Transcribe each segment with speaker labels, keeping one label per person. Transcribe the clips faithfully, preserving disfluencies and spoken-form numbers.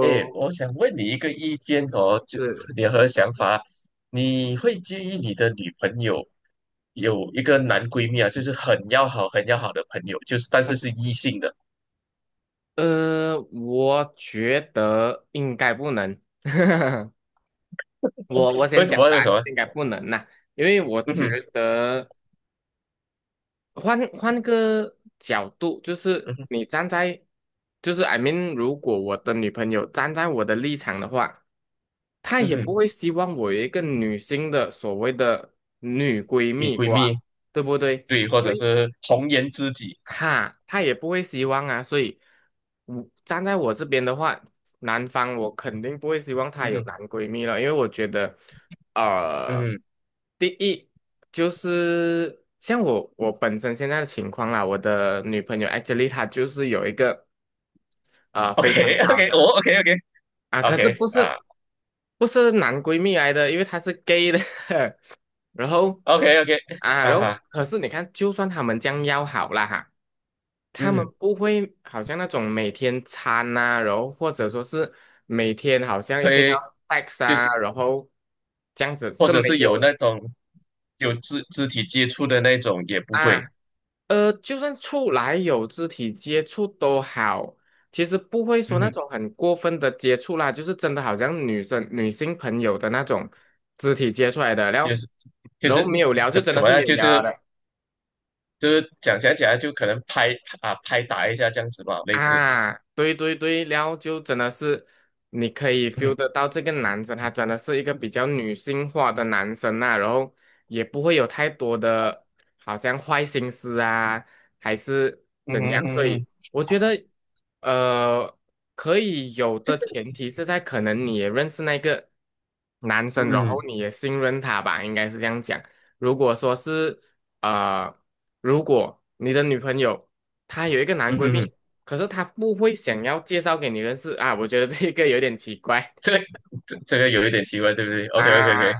Speaker 1: 哎，我想问你一个意见哦，就
Speaker 2: 是，
Speaker 1: 你和想法，你会介意你的女朋友有一个男闺蜜啊，就是很要好、很要好的朋友，就是但是是异性的，
Speaker 2: 呃，我觉得应该不能。我我
Speaker 1: 为
Speaker 2: 先
Speaker 1: 什
Speaker 2: 讲
Speaker 1: 么？
Speaker 2: 答
Speaker 1: 为什
Speaker 2: 案，
Speaker 1: 么？
Speaker 2: 应该不能呐、因为我
Speaker 1: 嗯
Speaker 2: 觉
Speaker 1: 哼，
Speaker 2: 得换换个角度，就是
Speaker 1: 嗯哼，
Speaker 2: 你站在，就是 I mean，如果我的女朋友站在我的立场的话，她
Speaker 1: 嗯
Speaker 2: 也不
Speaker 1: 哼，
Speaker 2: 会希望我有一个女性的所谓的女闺
Speaker 1: 女
Speaker 2: 蜜
Speaker 1: 闺
Speaker 2: 哇，
Speaker 1: 蜜，
Speaker 2: 对不对？
Speaker 1: 对，或者是红颜知己，
Speaker 2: 哈，他也不会希望啊，所以我站在我这边的话，男方我肯定不会希望她
Speaker 1: 嗯
Speaker 2: 有
Speaker 1: 哼，
Speaker 2: 男闺蜜了，因为我觉得，呃，
Speaker 1: 嗯哼
Speaker 2: 第一就是像我我本身现在的情况啊，我的女朋友 actually 她就是有一个非常好
Speaker 1: ，OK，OK，
Speaker 2: 的
Speaker 1: 哦，OK，OK，OK
Speaker 2: 啊，
Speaker 1: 啊
Speaker 2: 可是
Speaker 1: ，OK，
Speaker 2: 不
Speaker 1: 啊
Speaker 2: 是不是男闺蜜来的，因为她是 gay 的，然后
Speaker 1: ，OK，OK
Speaker 2: 啊，
Speaker 1: 啊
Speaker 2: 然后
Speaker 1: 哈，
Speaker 2: 可是你看，就算他们将要好了哈。他
Speaker 1: 嗯
Speaker 2: 们
Speaker 1: 哼，
Speaker 2: 不会好像那种每天餐呐、然后或者说是每天好像一定
Speaker 1: 会
Speaker 2: 要 tax
Speaker 1: 就是
Speaker 2: 啊，然后这样子
Speaker 1: 或
Speaker 2: 是
Speaker 1: 者
Speaker 2: 没
Speaker 1: 是有
Speaker 2: 有的
Speaker 1: 那种有肢肢体接触的那种也不会，
Speaker 2: 啊。呃，就算出来有肢体接触都好，其实不会说
Speaker 1: 嗯
Speaker 2: 那
Speaker 1: 哼。
Speaker 2: 种很过分的接触啦，就是真的好像女生女性朋友的那种肢体接触来的，然
Speaker 1: 就
Speaker 2: 后
Speaker 1: 是就
Speaker 2: 然后
Speaker 1: 是
Speaker 2: 没有聊就
Speaker 1: 怎
Speaker 2: 真
Speaker 1: 怎
Speaker 2: 的
Speaker 1: 么
Speaker 2: 是没
Speaker 1: 样，
Speaker 2: 有
Speaker 1: 就
Speaker 2: 聊
Speaker 1: 是
Speaker 2: 了的。
Speaker 1: 就是讲讲讲，就可能拍啊拍打一下这样子吧，类似，
Speaker 2: 啊，对对对，然后就真的是你可以 feel
Speaker 1: 嗯
Speaker 2: 得到这个男生，他真的是一个比较女性化的男生呐、然后也不会有太多的好像坏心思啊，还是怎样，所
Speaker 1: 嗯
Speaker 2: 以
Speaker 1: 嗯
Speaker 2: 我觉得呃可以有的前提是在可能你也认识那个男
Speaker 1: 嗯
Speaker 2: 生，然后
Speaker 1: 嗯
Speaker 2: 你也信任他吧，应该是这样讲。如果说是呃，如果你的女朋友她有一个男
Speaker 1: 嗯
Speaker 2: 闺
Speaker 1: 嗯，嗯
Speaker 2: 蜜。可是他不会想要介绍给你认识啊，我觉得这个有点奇怪。
Speaker 1: 这个这这个有一点奇怪，对不对？OK OK
Speaker 2: 啊，
Speaker 1: OK，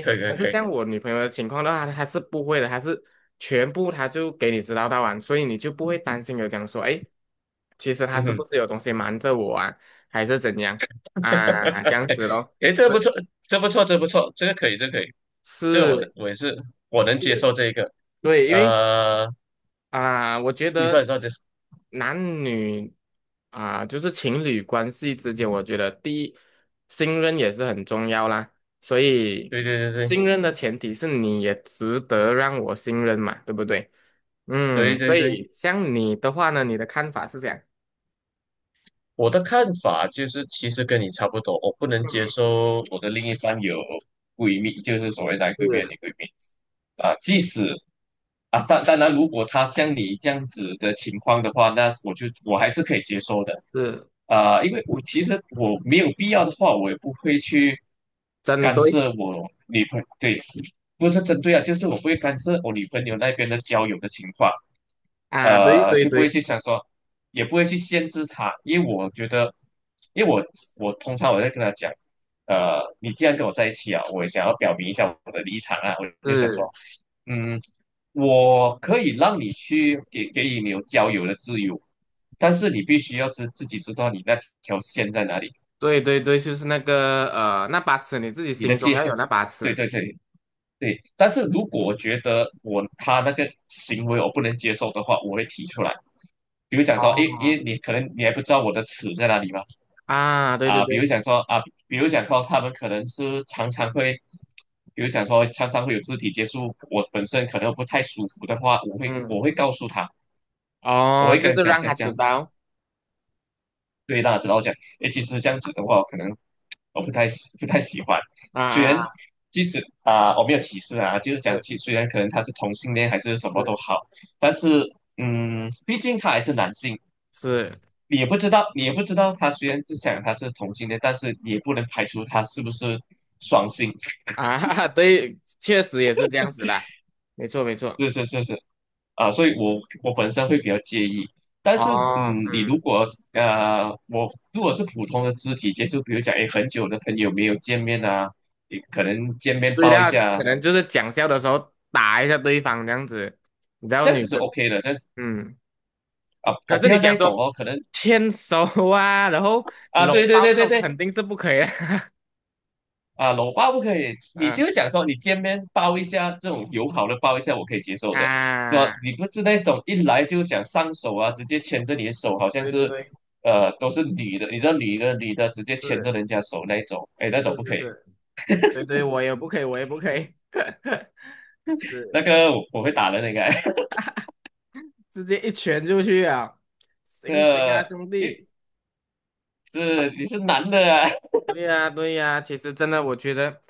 Speaker 1: 可以可以
Speaker 2: 可是
Speaker 1: 可以，
Speaker 2: 像我女朋友的情况的话，她是不会的，她是全部她就给你知道到完，所以你就不会担心有讲说，哎，其实他
Speaker 1: 嗯
Speaker 2: 是不
Speaker 1: 哼，
Speaker 2: 是有东西瞒着我啊，还是怎样啊，
Speaker 1: 哎
Speaker 2: 这样子咯，
Speaker 1: 哎，这个不
Speaker 2: 是
Speaker 1: 错，这不错，这不错，这个可以，这个可以，这个我能
Speaker 2: 是
Speaker 1: 我也是我能接
Speaker 2: 是，
Speaker 1: 受这一个，
Speaker 2: 对，因为
Speaker 1: 呃，
Speaker 2: 啊，我觉
Speaker 1: 你说你
Speaker 2: 得
Speaker 1: 说这，
Speaker 2: 男女啊，就是情侣关系之间，我觉得第一，信任也是很重要啦。所以，
Speaker 1: 对对对
Speaker 2: 信任的前提是你也值得让我信任嘛，对不对？
Speaker 1: 对
Speaker 2: 嗯，所
Speaker 1: 对对对对。
Speaker 2: 以像你的话呢，你的看法是这样。
Speaker 1: 我的看法就是，其实跟你差不多，我不能接
Speaker 2: 嗯，
Speaker 1: 受我的另一半有闺蜜，就是所谓男闺蜜、
Speaker 2: 是
Speaker 1: 女闺蜜啊。即使啊，当当然，如果他像你这样子的情况的话，那我就我还是可以接受的
Speaker 2: 是，
Speaker 1: 啊，因为我其实我没有必要的话，我也不会去
Speaker 2: 真
Speaker 1: 干
Speaker 2: 对
Speaker 1: 涉我女朋对，不是针对啊，就是我不会干涉我女朋友那边的交友的情况。
Speaker 2: 啊，对
Speaker 1: 呃，
Speaker 2: 对
Speaker 1: 就不会
Speaker 2: 对，
Speaker 1: 去想说，也不会去限制他，因为我觉得，因为我我通常我在跟他讲，呃，你既然跟我在一起啊，我也想要表明一下我的立场啊，我就想说，
Speaker 2: 是，
Speaker 1: 嗯，我可以让你去给给予你有交友的自由，但是你必须要知自己知道你那条线在哪里，
Speaker 2: 对对对，就是那个呃，那把尺，你自己
Speaker 1: 你的
Speaker 2: 心中
Speaker 1: 界
Speaker 2: 要
Speaker 1: 限，
Speaker 2: 有那把
Speaker 1: 对
Speaker 2: 尺。
Speaker 1: 对对，对，但是如果我觉得我他那个行为我不能接受的话，我会提出来。比如讲说，诶，因
Speaker 2: 哦，
Speaker 1: 为你可能你还不知道我的尺在哪里嘛，
Speaker 2: 啊，对对
Speaker 1: 啊，比如
Speaker 2: 对，
Speaker 1: 讲说啊，比如讲说他们可能是常常会，比如讲说常常会有肢体接触，我本身可能不太舒服的话，我会
Speaker 2: 嗯。
Speaker 1: 我会告诉他，我
Speaker 2: 哦，
Speaker 1: 会
Speaker 2: 就
Speaker 1: 跟他
Speaker 2: 是
Speaker 1: 讲
Speaker 2: 让
Speaker 1: 讲
Speaker 2: 他知
Speaker 1: 讲，
Speaker 2: 道
Speaker 1: 对大家知道我讲，诶，其实这样子的话，可能我不太喜不太喜欢。
Speaker 2: 啊
Speaker 1: 虽
Speaker 2: 啊
Speaker 1: 然
Speaker 2: 啊，
Speaker 1: 即使啊、我没有歧视啊，就是讲，其
Speaker 2: 是
Speaker 1: 虽然可能他是同性恋还是什么都
Speaker 2: 是
Speaker 1: 好，但是嗯，毕竟他还是男性，
Speaker 2: 是
Speaker 1: 你也不知道，你也不知道他虽然是想他是同性恋，但是你也不能排除他是不是双性。
Speaker 2: 啊，对，确实也是这样子啦，没错没错，
Speaker 1: 是是是是，啊，所以我我本身会比较介意。但是，
Speaker 2: 哦，
Speaker 1: 嗯，你
Speaker 2: 嗯，
Speaker 1: 如果呃，我如果是普通的肢体接触，比如讲，诶，很久的朋友没有见面啊，你可能见面
Speaker 2: 对
Speaker 1: 抱一
Speaker 2: 啦，可
Speaker 1: 下，
Speaker 2: 能就是讲笑的时候打一下对方这样子，你知道
Speaker 1: 这样
Speaker 2: 女
Speaker 1: 子就
Speaker 2: 生，
Speaker 1: OK 的，这样子
Speaker 2: 嗯，
Speaker 1: 啊，
Speaker 2: 可
Speaker 1: 我
Speaker 2: 是
Speaker 1: 不
Speaker 2: 你
Speaker 1: 要那
Speaker 2: 讲
Speaker 1: 一种
Speaker 2: 说
Speaker 1: 哦，可能
Speaker 2: 牵手啊，然后
Speaker 1: 啊，
Speaker 2: 搂
Speaker 1: 对对
Speaker 2: 抱
Speaker 1: 对
Speaker 2: 这
Speaker 1: 对
Speaker 2: 种
Speaker 1: 对，
Speaker 2: 肯定是不可以的，
Speaker 1: 啊，搂抱不可以，你
Speaker 2: 嗯
Speaker 1: 就想说你见面抱一下，这种友好的抱一下，我可以接受的。那
Speaker 2: 啊，
Speaker 1: 你不是那种一来就想上手啊，直接牵着你的手，好像
Speaker 2: 对对
Speaker 1: 是，
Speaker 2: 对，
Speaker 1: 呃，都是女的，你知道女的女的直接牵着
Speaker 2: 是
Speaker 1: 人家手那一种，哎，那种
Speaker 2: 是
Speaker 1: 不
Speaker 2: 是
Speaker 1: 可以，
Speaker 2: 是，对对，我也不可以，我也不可以，
Speaker 1: 那
Speaker 2: 是。
Speaker 1: 个我我会打人的，应该，
Speaker 2: 直接一拳就去啊！行行啊，
Speaker 1: 呃，
Speaker 2: 兄弟！
Speaker 1: 你是你是男的啊，
Speaker 2: 对呀，对呀，其实真的，我觉得，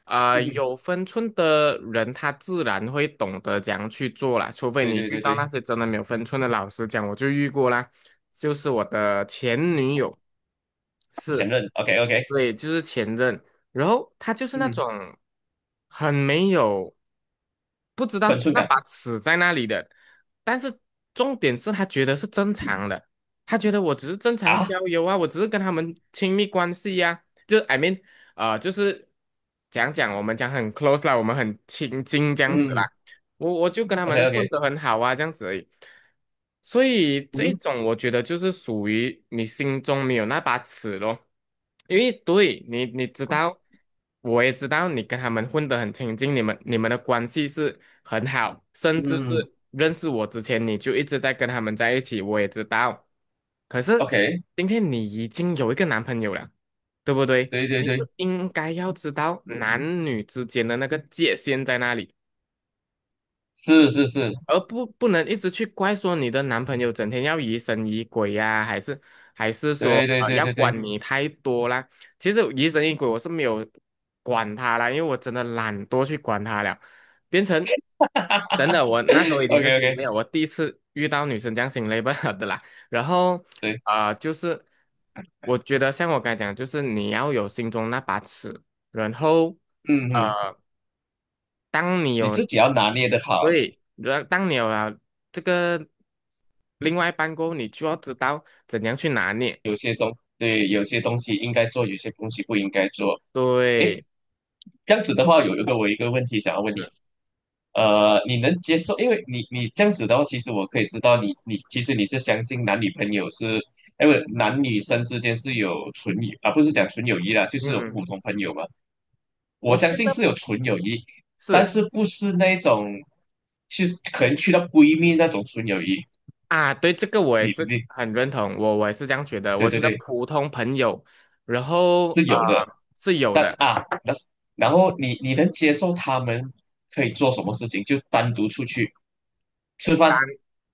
Speaker 2: 啊、
Speaker 1: 嗯，
Speaker 2: 有分寸的人，他自然会懂得怎样去做啦。除非
Speaker 1: 对
Speaker 2: 你
Speaker 1: 对
Speaker 2: 遇
Speaker 1: 对
Speaker 2: 到
Speaker 1: 对，
Speaker 2: 那些真的没有分寸的老师讲，我就遇过啦，就是我的前女友，
Speaker 1: 前
Speaker 2: 是，
Speaker 1: 任，OK OK，
Speaker 2: 对，就是前任，然后他就是那
Speaker 1: 嗯，
Speaker 2: 种很没有，不知
Speaker 1: 分
Speaker 2: 道
Speaker 1: 寸
Speaker 2: 那
Speaker 1: 感
Speaker 2: 把尺在那里的，但是重点是他觉得是正常的，他觉得我只是正常
Speaker 1: 啊，
Speaker 2: 交友啊，我只是跟他们亲密关系呀、就 I mean，呃，就是讲讲我们讲很 close 啦，我们很亲近这样子
Speaker 1: 嗯
Speaker 2: 啦。我我就跟他
Speaker 1: ，OK
Speaker 2: 们
Speaker 1: OK，
Speaker 2: 混得很好啊，这样子而已。所以这一
Speaker 1: 嗯
Speaker 2: 种我觉得就是属于你心中没有那把尺咯，因为对你你知道，我也知道你跟他们混得很亲近，你们你们的关系是很好，甚至
Speaker 1: 嗯
Speaker 2: 是认识我之前你就一直在跟他们在一起，我也知道。可是
Speaker 1: ，OK,
Speaker 2: 今天你已经有一个男朋友了。对不对？
Speaker 1: 对对
Speaker 2: 你是
Speaker 1: 对，
Speaker 2: 应该要知道男女之间的那个界限在哪里，
Speaker 1: 是是是，
Speaker 2: 而不不能一直去怪说你的男朋友整天要疑神疑鬼呀、还是还是说
Speaker 1: 对对
Speaker 2: 呃
Speaker 1: 对
Speaker 2: 要
Speaker 1: 对对。
Speaker 2: 管你太多啦。其实疑神疑鬼我是没有管他啦，因为我真的懒惰去管他了，变成等等，我那时候已 经
Speaker 1: OK
Speaker 2: 是心
Speaker 1: OK，
Speaker 2: 累了，我第一次遇到女生这样心累不好的啦。然后
Speaker 1: 对，
Speaker 2: 呃就是我觉得像我刚才讲的就是你要有心中那把尺，然后
Speaker 1: 嗯嗯，
Speaker 2: 呃。当你
Speaker 1: 你自
Speaker 2: 有
Speaker 1: 己要拿捏的
Speaker 2: 所
Speaker 1: 好，
Speaker 2: 以，然当你有了这个另外一半过后，你就要知道怎样去拿捏。
Speaker 1: 对，有些东西应该做，有些东西不应该做。诶，
Speaker 2: 对，
Speaker 1: 这样子的话，有一个我有一个问题想要问你，
Speaker 2: 是
Speaker 1: 呃，你能接受？因为你你这样子的话，其实我可以知道你你其实你是相信男女朋友是，哎不，男女生之间是有纯友啊，不是讲纯友谊啦，就是有
Speaker 2: 嗯，
Speaker 1: 普通朋友嘛。我
Speaker 2: 我
Speaker 1: 相
Speaker 2: 觉
Speaker 1: 信
Speaker 2: 得
Speaker 1: 是有纯友谊，但
Speaker 2: 是
Speaker 1: 是不是那种，去实可能去到闺蜜那种纯友谊，
Speaker 2: 啊，对，这个我也
Speaker 1: 你
Speaker 2: 是
Speaker 1: 你
Speaker 2: 很认同，我我也是这样觉得。
Speaker 1: 对
Speaker 2: 我
Speaker 1: 对
Speaker 2: 觉得
Speaker 1: 对，
Speaker 2: 普通朋友，然后
Speaker 1: 是
Speaker 2: 呃
Speaker 1: 有的。
Speaker 2: 是有
Speaker 1: 但
Speaker 2: 的，
Speaker 1: 啊，然然后你你能接受他们可以做什么事情？就单独出去吃
Speaker 2: 单
Speaker 1: 饭，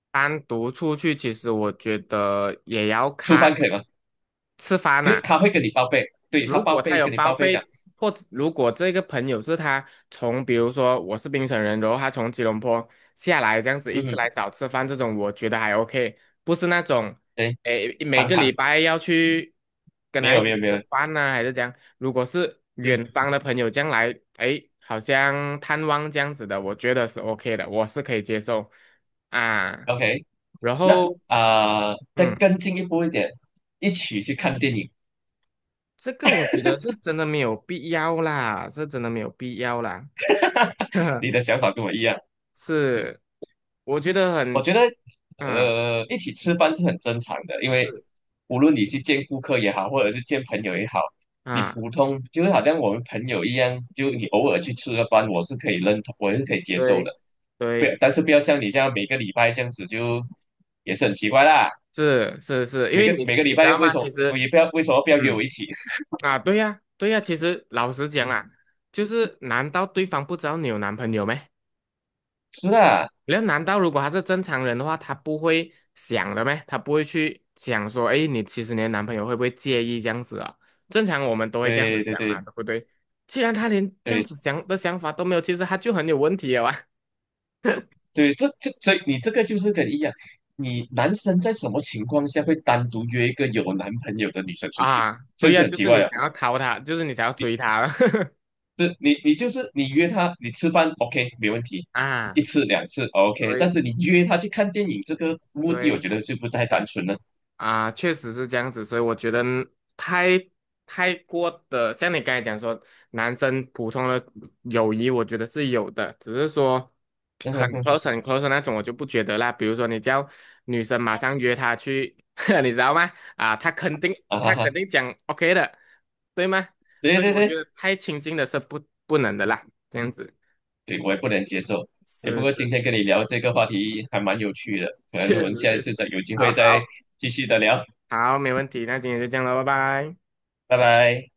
Speaker 2: 单独出去，其实我觉得也要
Speaker 1: 出
Speaker 2: 看
Speaker 1: 饭可以吗？
Speaker 2: 吃饭
Speaker 1: 就
Speaker 2: 呐、
Speaker 1: 是他会跟你报备，对他
Speaker 2: 如
Speaker 1: 报
Speaker 2: 果他
Speaker 1: 备，
Speaker 2: 有
Speaker 1: 跟你
Speaker 2: 包
Speaker 1: 报备讲，
Speaker 2: 被，或者如果这个朋友是他从，比如说我是槟城人，然后他从吉隆坡下来这样子一
Speaker 1: 嗯，
Speaker 2: 次
Speaker 1: 嗯
Speaker 2: 来找吃饭，这种我觉得还 OK，不是那种，
Speaker 1: 对，
Speaker 2: 诶，每
Speaker 1: 常
Speaker 2: 个礼
Speaker 1: 常
Speaker 2: 拜要去跟
Speaker 1: 没
Speaker 2: 他一
Speaker 1: 有
Speaker 2: 起
Speaker 1: 没有没
Speaker 2: 吃
Speaker 1: 有，
Speaker 2: 饭呐、还是这样。如果是
Speaker 1: 就是
Speaker 2: 远方的朋友将来，诶，好像探望这样子的，我觉得是 OK 的，我是可以接受啊。
Speaker 1: OK
Speaker 2: 然
Speaker 1: 那。
Speaker 2: 后，
Speaker 1: 啊、呃再
Speaker 2: 嗯。
Speaker 1: 更进一步一点，一起去看电影，
Speaker 2: 这个我觉得是真的没有必要啦，是真的没有必要啦。
Speaker 1: 你的想法跟我一样。
Speaker 2: 是，我觉得很
Speaker 1: 我觉
Speaker 2: 奇
Speaker 1: 得，
Speaker 2: 嗯
Speaker 1: 呃，一起吃饭是很正常的，因为无论你去见顾客也好，或者是见朋友也好，你
Speaker 2: 啊，
Speaker 1: 普通就是好像我们朋友一样，就你偶尔去吃个饭，我是可以认同，我是可以接受
Speaker 2: 对
Speaker 1: 的。不要，
Speaker 2: 对，
Speaker 1: 但是不要像你这样每个礼拜这样子就，也是很奇怪啦。
Speaker 2: 是是是，因
Speaker 1: 每
Speaker 2: 为
Speaker 1: 个
Speaker 2: 你
Speaker 1: 每个礼
Speaker 2: 你知
Speaker 1: 拜
Speaker 2: 道
Speaker 1: 为
Speaker 2: 吗？
Speaker 1: 什
Speaker 2: 其
Speaker 1: 么我
Speaker 2: 实，
Speaker 1: 也不要为什么不要约我
Speaker 2: 嗯
Speaker 1: 一起？
Speaker 2: 啊，对呀对呀，其实老实讲啊，就是难道对方不知道你有男朋友吗？
Speaker 1: 是啦，
Speaker 2: 然后难道如果他是正常人的话，他不会想的咩？他不会去想说，哎，你其实你的男朋友会不会介意这样子啊？正常我们都会这样子
Speaker 1: 对对
Speaker 2: 想嘛，
Speaker 1: 对
Speaker 2: 对不对？既然他连这样
Speaker 1: 对，
Speaker 2: 子想的想法都没有，其实他就很有问题了啊！
Speaker 1: 对，这这所以你这个就是跟一样，你男生在什么情况下会单独约一个有男朋友的女生 出去？
Speaker 2: 啊，对
Speaker 1: 这
Speaker 2: 呀、
Speaker 1: 这很
Speaker 2: 就
Speaker 1: 奇
Speaker 2: 是
Speaker 1: 怪
Speaker 2: 你
Speaker 1: 啊！
Speaker 2: 想要逃他，就是你想要追他了
Speaker 1: 这你你就是你约她，你吃饭 OK 没问题，
Speaker 2: 啊，
Speaker 1: 一次两次 OK，但
Speaker 2: 对
Speaker 1: 是你约她去看电影，这个目的我
Speaker 2: 对。
Speaker 1: 觉得就不太单纯了。
Speaker 2: 啊，确实是这样子，所以我觉得太太过的，像你刚才讲说，男生普通的友谊，我觉得是有的，只是说很 close 很 close 的那种，我就不觉得啦。比如说你叫女生马上约他去，你知道吗？啊，他肯定
Speaker 1: 啊哈
Speaker 2: 他肯
Speaker 1: 哈，
Speaker 2: 定讲 OK 的，对吗？
Speaker 1: 对
Speaker 2: 所以
Speaker 1: 对
Speaker 2: 我觉
Speaker 1: 对，
Speaker 2: 得太亲近的是不不能的啦，这样子
Speaker 1: 对我也不能接受。哎，不
Speaker 2: 是
Speaker 1: 过
Speaker 2: 是，
Speaker 1: 今天跟你聊这个话题还蛮有趣的，可能我
Speaker 2: 确
Speaker 1: 们
Speaker 2: 实
Speaker 1: 下
Speaker 2: 确
Speaker 1: 一
Speaker 2: 实，
Speaker 1: 次再有机
Speaker 2: 好
Speaker 1: 会再
Speaker 2: 好
Speaker 1: 继续的聊，
Speaker 2: 好，没问题，那今天就这样了，拜拜。
Speaker 1: 拜拜。